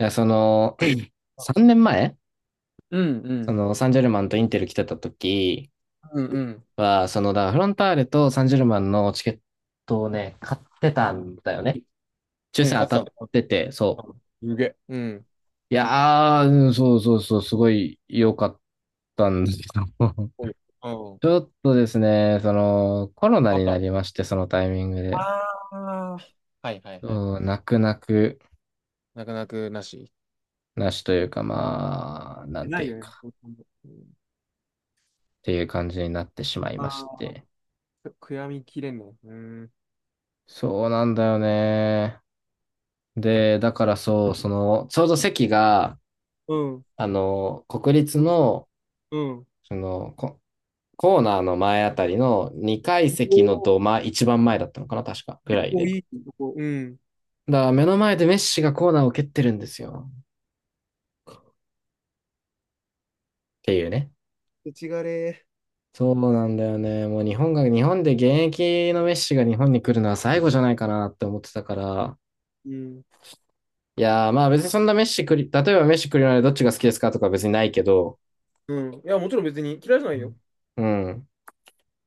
いや、3年前、うんうん。サンジェルマンとインテル来てた時うんうん。は、だからフロンターレとサンジェルマンのチケットをね、買ってたんだよね。抽うん、選当勝たっってたてて、そう。う。すげえ。うん。いやー、うんそうそうそう、すごい良かったんですけど。おい。うん。ちょっとですね、コロナあっにた。なありまして、そのタイミングで。あ、はいはいはい。泣く泣く泣く泣くなし。なしというか、まあ、なんなていいうよね。か、うん。っていう感じになってしまいあましあ、て。悔やみきれんの。うん。そうなんだよね。で、だからそう、ちょうど席が、うん。国立おい、の、うん。その、ココーナーの前あたりの2階お席のー、一番前だったのかな、確か、ぐ結らい構で。いいとこ。うん。だから目の前でメッシがコーナーを蹴ってるんですよ。っていうね。土ちがれそうなんだよね。もう日本で現役のメッシが日本に来るのは最後じゃないかなって思ってたから。ー。うん。いやー、まあ別にそんなメッシくり、例えばメッシ来るのでどっちが好きですかとか別にないけど、うん。いや、もちろん別に嫌いじゃないよ。うん。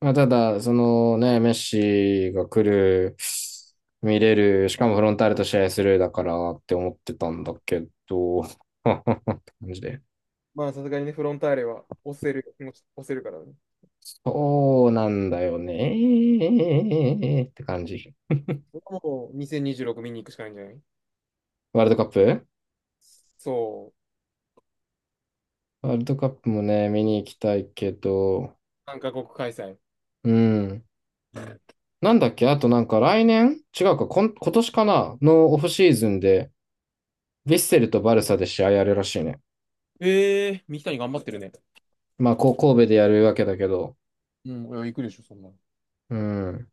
まあ、ただ、そのね、メッシが来る、見れる、しかもフロンターレと試合するだからって思ってたんだけど、って感じで。まあ、さすがにね、フロンターレは押せる、押せるからね。そうなんだよねって感じ。それはもう2026見に行くしかないんじゃない、ワールドカップ。そう。ワールドカップもね、見に行きたいけど、3カ国開催。うん。なんだっけあとなんか来年違うか、今年かなのオフシーズンで、ヴィッセルとバルサで試合やるらしいね。ええー、三木谷頑張ってるね。まあ、こう神戸でやるわけだけど、うん、いや行くでしょ、そんなの。うん。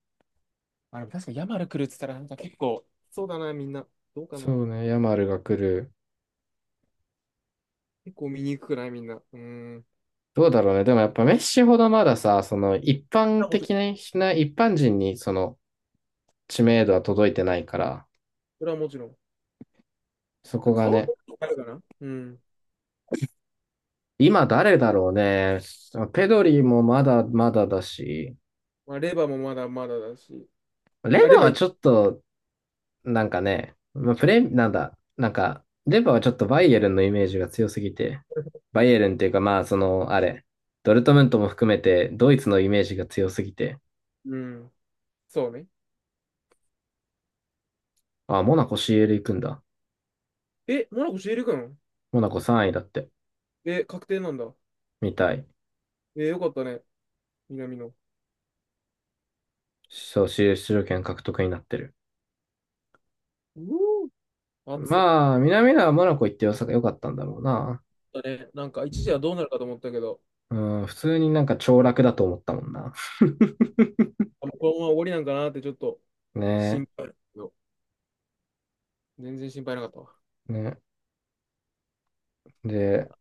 あ、でも確かにヤマル来るっつったら、なんか結構、そうだな、みんな。どうかな。そうね、ヤマルが来る。結構見に行くくないみんな。うん。どうだろうね。でもやっぱメッシほどまださ、あ、もちろん。一般人にその知名度は届いてないから、それはもちろん。そだこが顔ね。とあるかな、うん。今誰だろうね。ペドリもまだまだだし、まあ、レバーもまだまだだし。レあ、レバーバーはいい。ちょっと、なんかね、まあ、プレ、なんだ、なんか、レバーはちょっとバイエルンのイメージが強すぎて、バイエルンっていうかまあその、あれ、ドルトムントも含めてドイツのイメージが強すぎて、うん。そうね。あ、モナコ CL 行くんだ。え、モナコシエく君、モナコ3位だって。え、確定なんだ。みたい。え、よかったね。南の。そう、出場権獲得になってる。うお、暑い。まあ、南野はモナコ行って良さが良かったんだろうな。だね。なんか一時はどうなるかと思ったけど、うん、普通になんか凋落だと思ったもんな。あ、もうこのまま終わりなんかなってちょっとね心配。全然心配なかったわ。え、ね。で、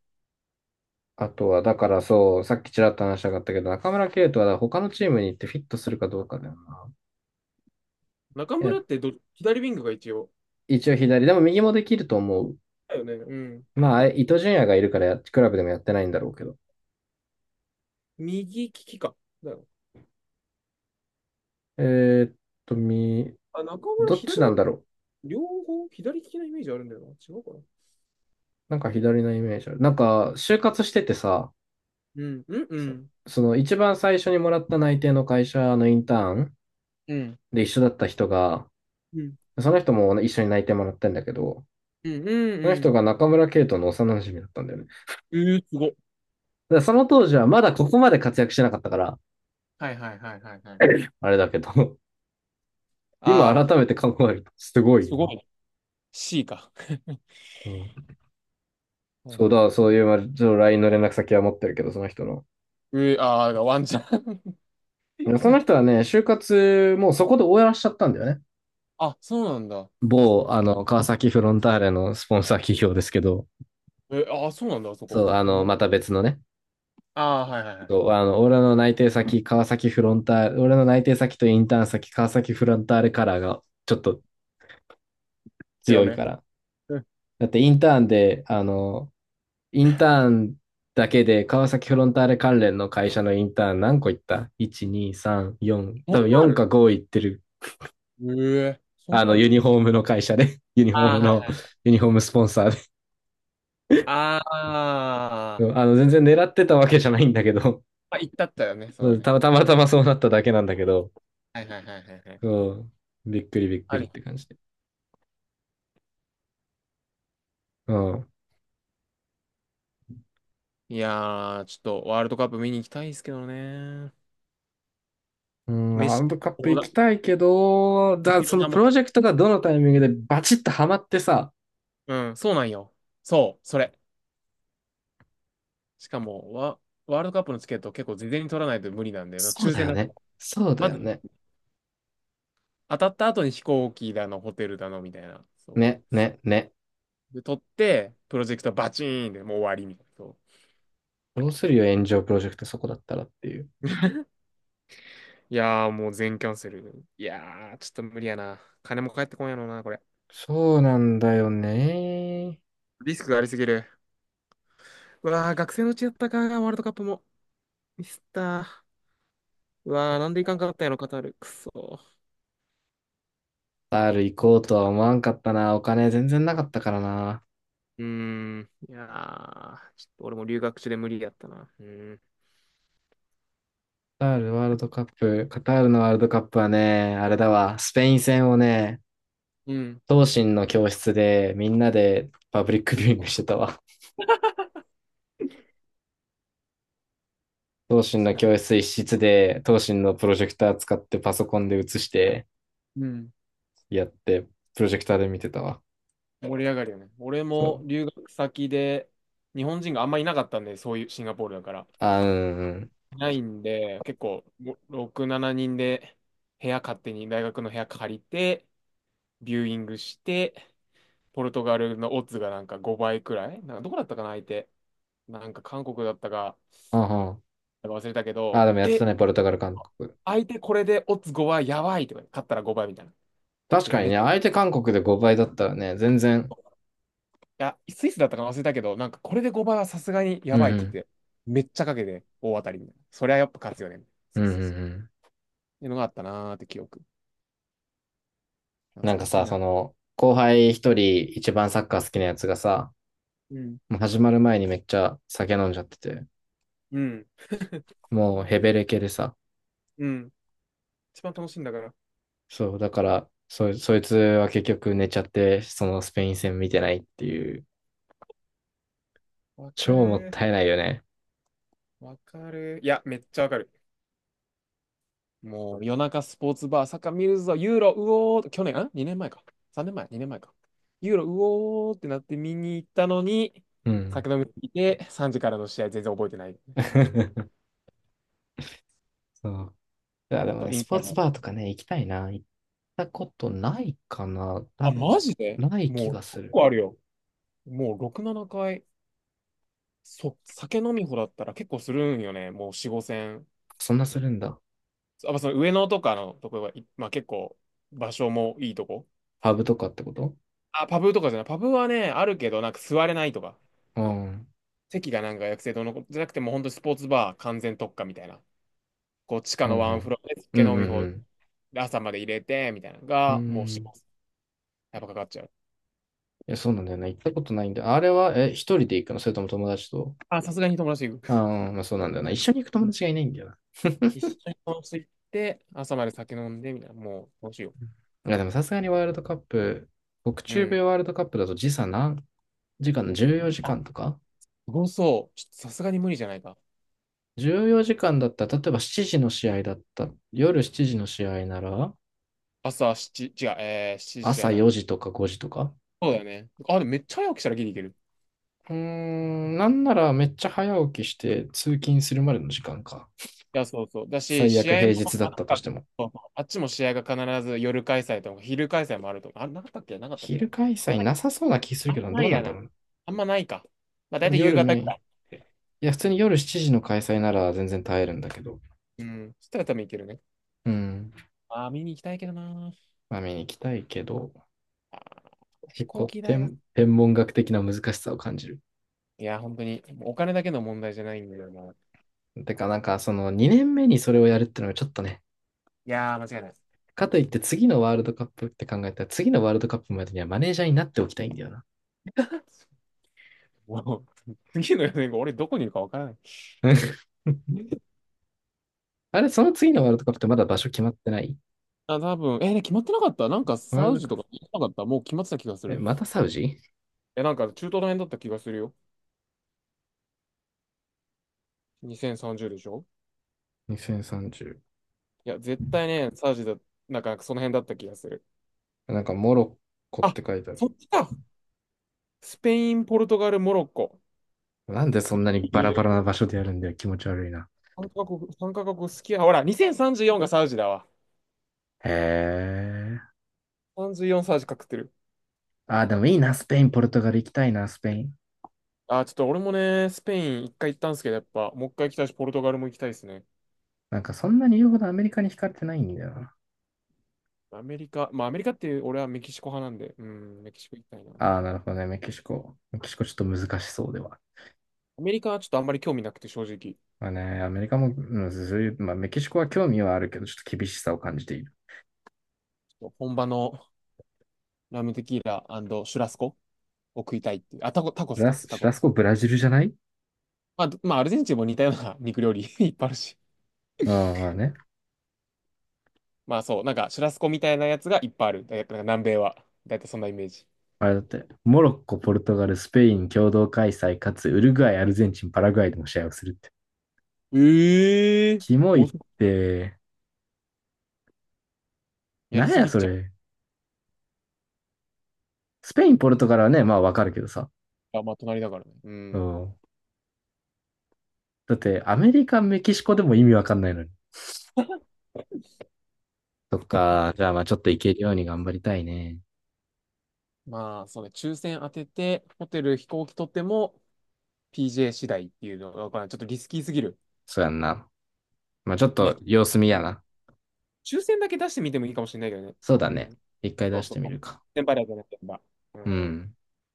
あとは、だからそう、さっきちらっと話したかったけど、中村敬斗は他のチームに行ってフィットするかどうかだよな。中いや、村ってど、左ウィングが一応。一応左、でも右もできると思う。だよね。うん。まあ、伊東純也がいるからクラブでもやってないんだろうけど。右利きか。だよ。えーっと、み、あ、中村どっち左なんの、だろう。両方左利きなイメージあるんだよな。違うかな。なんか左のイメージある。なんか、就活しててさ、うん、うん、うそん。その一番最初にもらった内定の会社のインターンうん。で一緒だった人が、うん、その人も一緒に内定もらったんだけど、うん、うん、そのう人ん。が中村圭斗の幼馴染だったんだよね。だえー、すごい。からその当時はまだここまで活躍してなかったから、はいはいはいはいはい。あれだけど、今ああ、改めて考えるとすごいよすごな。いね、 C か。うん、なるそうほど。だ、そういう、まあちょっと LINE の連絡先は持ってるけど、その人の。えー、あがワンちゃん。その人 はね、就活もうそこで終わらしちゃったんだよね。あ、そうなんだ。某、川崎フロンターレのスポンサー企業ですけど、えー、あー、そうなんだ、あそこ。そう、うん、また別のね、ああ、はいはいはい。そう、俺の内定先、川崎フロンターレ、俺の内定先とインターン先、川崎フロンターレカラーがちょっと強強いめ。から。うん、だってインターンで、あの、インターンだけで川崎フロンターレ関連の会社のインターン何個行った ?1、2、3、4、そん多分なあ4かる、5行ってる。ええ、そんなあるユんニだ。フォームの会社で、ユニフォーああ、ムはの、い、ユニフォームスポンサーああ、で。全然狙ってたわけじゃないんだけど、まあ、行ったったよね、そそうようね。たまたまそうなっただけなんだけど、はいはいはいはいはい。そう、びっくりびっくありっり。て感じで。うん。いやー、ちょっとワールドカップ見に行きたいですけどね。うん、ワー飯、ルドカップお行だ、きたいけど、飯そのの名プも。ロジェクトがどのタイミングでバチッとハマってさ、うん、そうなんよ。そう、それ。しかも、ワ、ワールドカップのチケット結構事前に取らないと無理なんで、まあそう抽だ選よだなってね。も、そうだまよず、ね。当たった後に飛行機だの、ホテルだの、みたいな。そう。ね、ね、ね。で、取って、プロジェクトバチーンでもう終わりみたいな。そう、どうするよ、炎上プロジェクトそこだったらっていう。いやー、もう全キャンセル。いやー、ちょっと無理やな。金も返ってこんやろな、これ。そうなんだよね。リスクがありすぎる。うわー、学生のうちやったか、ワールドカップも。ミスったー。うわー、なんでいかんかったんやろ、カタール。くそー。カタール行こうとは思わんかったな。お金全然なかったからな。うーん。いやー、ちょっと俺も留学中で無理やったな。うーん。カタールのワールドカップはね、あれだわ、スペイン戦をね、うん。同心の教室でみんなでパブリックミビスューっイングしてたわ。同心のた、教室一室で、同心のプロジェクター使ってパソコンで映してうん。やって、プロジェクターで見てたわ。盛り上がるよね。俺そもう。留学先で日本人があんまいなかったんで、そういうシンガポールだから。あ、うんうん。いないんで、結構ご6、7人で部屋勝手に大学の部屋借りて、ビューイングして、ポルトガルのオッズがなんか5倍くらい、なんかどこだったかな、相手。なんか韓国だったか、あ、うんなんか忘れたけあ、ど、でもやってえ、たね、ポルトガル、韓国。相手これでオッズ5倍やばいとか、勝ったら5倍みたいな。確で、かにめね、っ相手韓国で5倍だったらね、全然。ちゃ、スイスだったかな忘れたけど、なんかこれで5倍はさすがにうやんうばいって言ん。って、めっちゃかけて大当たりみたいな。そりゃやっぱ勝つよね。うそんううんうそうそう。ん。っていうのがあったなーって記憶。懐なんかかしいさ、な。後輩一人一番サッカー好きなやつがさ、うん。もう始まる前にめっちゃ酒飲んじゃってて、うん。もうヘベレケでさ、うん。一番楽しいんだから。そう、だから、そいつは結局寝ちゃって、そのスペイン戦見てないっていう、わか超もっる。たいないよね。わかる。いや、めっちゃわかる。もう夜中スポーツバー、サッカー見るぞ、ユーロ、うおー、去年、ん？ 2 年前か。3年前、2年前か。ユーロ、うおーってなって見に行ったのに、うん。酒飲みすぎて、3時からの試合全然覚えてない。そう。いや、でもと、ね、インスポーカツの。バーとかね、行きたいな。行ったことないかな。あ、多分、マジで、ない気もう、がす結る。構あるよ。もう6、7回。そ、酒飲みほだったら結構するんよね。もう4、5戦。そんなするんだ。あ、まあその上野とかのとこが、い、まあ結構、場所もいいとこ。パブとかってことあ、パブとかじゃない。パブはね、あるけど、なんか座れないとか。うん。うん席がなんか学生堂のことじゃなくてもう本当スポーツバー完全特化みたいな。こう地下うん。のワンフロアでう酒ん飲うみ放ん題朝まで入れてみたいなのうん。うがもうしまん。す。やっぱかかっちゃう。いや、そうなんだよな、行ったことないんだよ。あれは、一人で行くのそれとも友達とあ、さすがに友達と行あく。あー、まあそうなんだよな。一緒に行くう友ん、達がいないんだよな。一緒に友達と行って朝まで酒飲んでみたいな。もうどうしよ。いや、でもさすがにワールドカップ、北うう中米ん。ワールドカップだと時差何時間 ?14 時あ、間とか すごそう。ちょっとさすがに無理じゃないか。?14 時間だったら、例えば7時の試合だった。夜7時の試合なら、朝7、違う、しちじじゃ朝なく4て。時とか5時とか。そうだよね。あ、でもめっちゃ早起きしたらギリいける。うーん、なんならめっちゃ早起きして通勤するまでの時間か。いや、そうそう。だし、最試悪合、平日だったとあ、しても。そうそう、あっちも試合が必ず夜開催とか昼開催もあるとか、あ、なかったっけ、なかったっ昼け。開催なさそうな気するあんけまど、どなういなんやだろな。うねあんまないか。まあ多大分体夕夜メ方イくン。いらいって、や、普通に夜7時の開催なら全然耐えるんだけど。うん。そしたら多分行けるね。うん。ああ、見に行きたいけどな。まあ見に行きたいけど。あー、飛結行構機代が。天文学的な難しさを感じる。いや、本当に、もうお金だけの問題じゃないんだよな。いてか、なんか、その2年目にそれをやるってのはちょっとね、やー、間違いない。かといって次のワールドカップって考えたら、次のワールドカップまでにはマネージャーになっておきたいんだよな。もう、次のよねん後、俺どこにいるかわからない。あれ、その次のワールドカップってまだ場所決まってないあ、多分、ね、決まってなかった、なんかワーサルウドジカとか、ッ決まってなかった、もう決まってた気がすプ。え、る。またサウジ え、なんか中東の辺だった気がするよ。2030でしょ。 ?2030。いや、絶対ね、サージだ、なんかその辺だった気がする。なんか、モロッコっあ、て書いてあそる。っちか。スペイン、ポルトガル、モロッコ。なんでそんなにバラバラな場所でやるんだよ。気持ち悪いな。3カ国、三カ国好きや。ほら、2034がサウジだわ。へえ。34サウジかくってる。あー、でもいいな。スペイン、ポルトガル行きたいな、スペイン。あ、ちょっと俺もね、スペイン一回行ったんですけど、やっぱ、もう一回行きたいし、ポルトガルも行きたいですね。なんか、そんなに言うほどアメリカに惹かれてないんだよな。アメリカ、まあアメリカって俺はメキシコ派なんで、うん、メキシコ行きたいな。アああ、なるほどね。メキシコ。メキシコちょっと難しそうでは。メリカはちょっとあんまり興味なくて、正直。ちまあね、アメリカも、うんそういう、まあ、メキシコは興味はあるけど、ちょっと厳しさを感じている。ょっと本場のラムテキーラ、シュラスコを食いたいっていう。あ、タコ、タコスか。タシラコ、スコブラジルじゃないまあ、ど、まあ、アルゼンチンも似たような肉料理 いっぱいあるし。うん、まあね。まあそう、なんかシュラスコみたいなやつがいっぱいある。だいたい南米は。だいたいそんなイメージ。あれだって、モロッコ、ポルトガル、スペイン共同開催、かつウルグアイ、アルゼンチン、パラグアイでも試合をするって。ええ、キモいお、って、やなりんすやぎっそちゃれ。スペイン、ポルトガルはね、まあわかるけどさ。う。あ、まあ隣だからね。ううん。ん。だって、アメリカ、メキシコでも意味わかんないのに。そっか。じゃあまあちょっといけるように頑張りたいね。まあそうね、抽選当てて、ホテル飛行機取っても PJ 次第っていうのがわからない、まちょっとリスキーすぎる。そうやんな。まあちょっまあ、と様子見やな。抽選だけ出してみてもいいかもしれないけどね。そうだうね。ん。一回そ出うしてそう。みるか。先輩だとね、先輩。ううん。ん。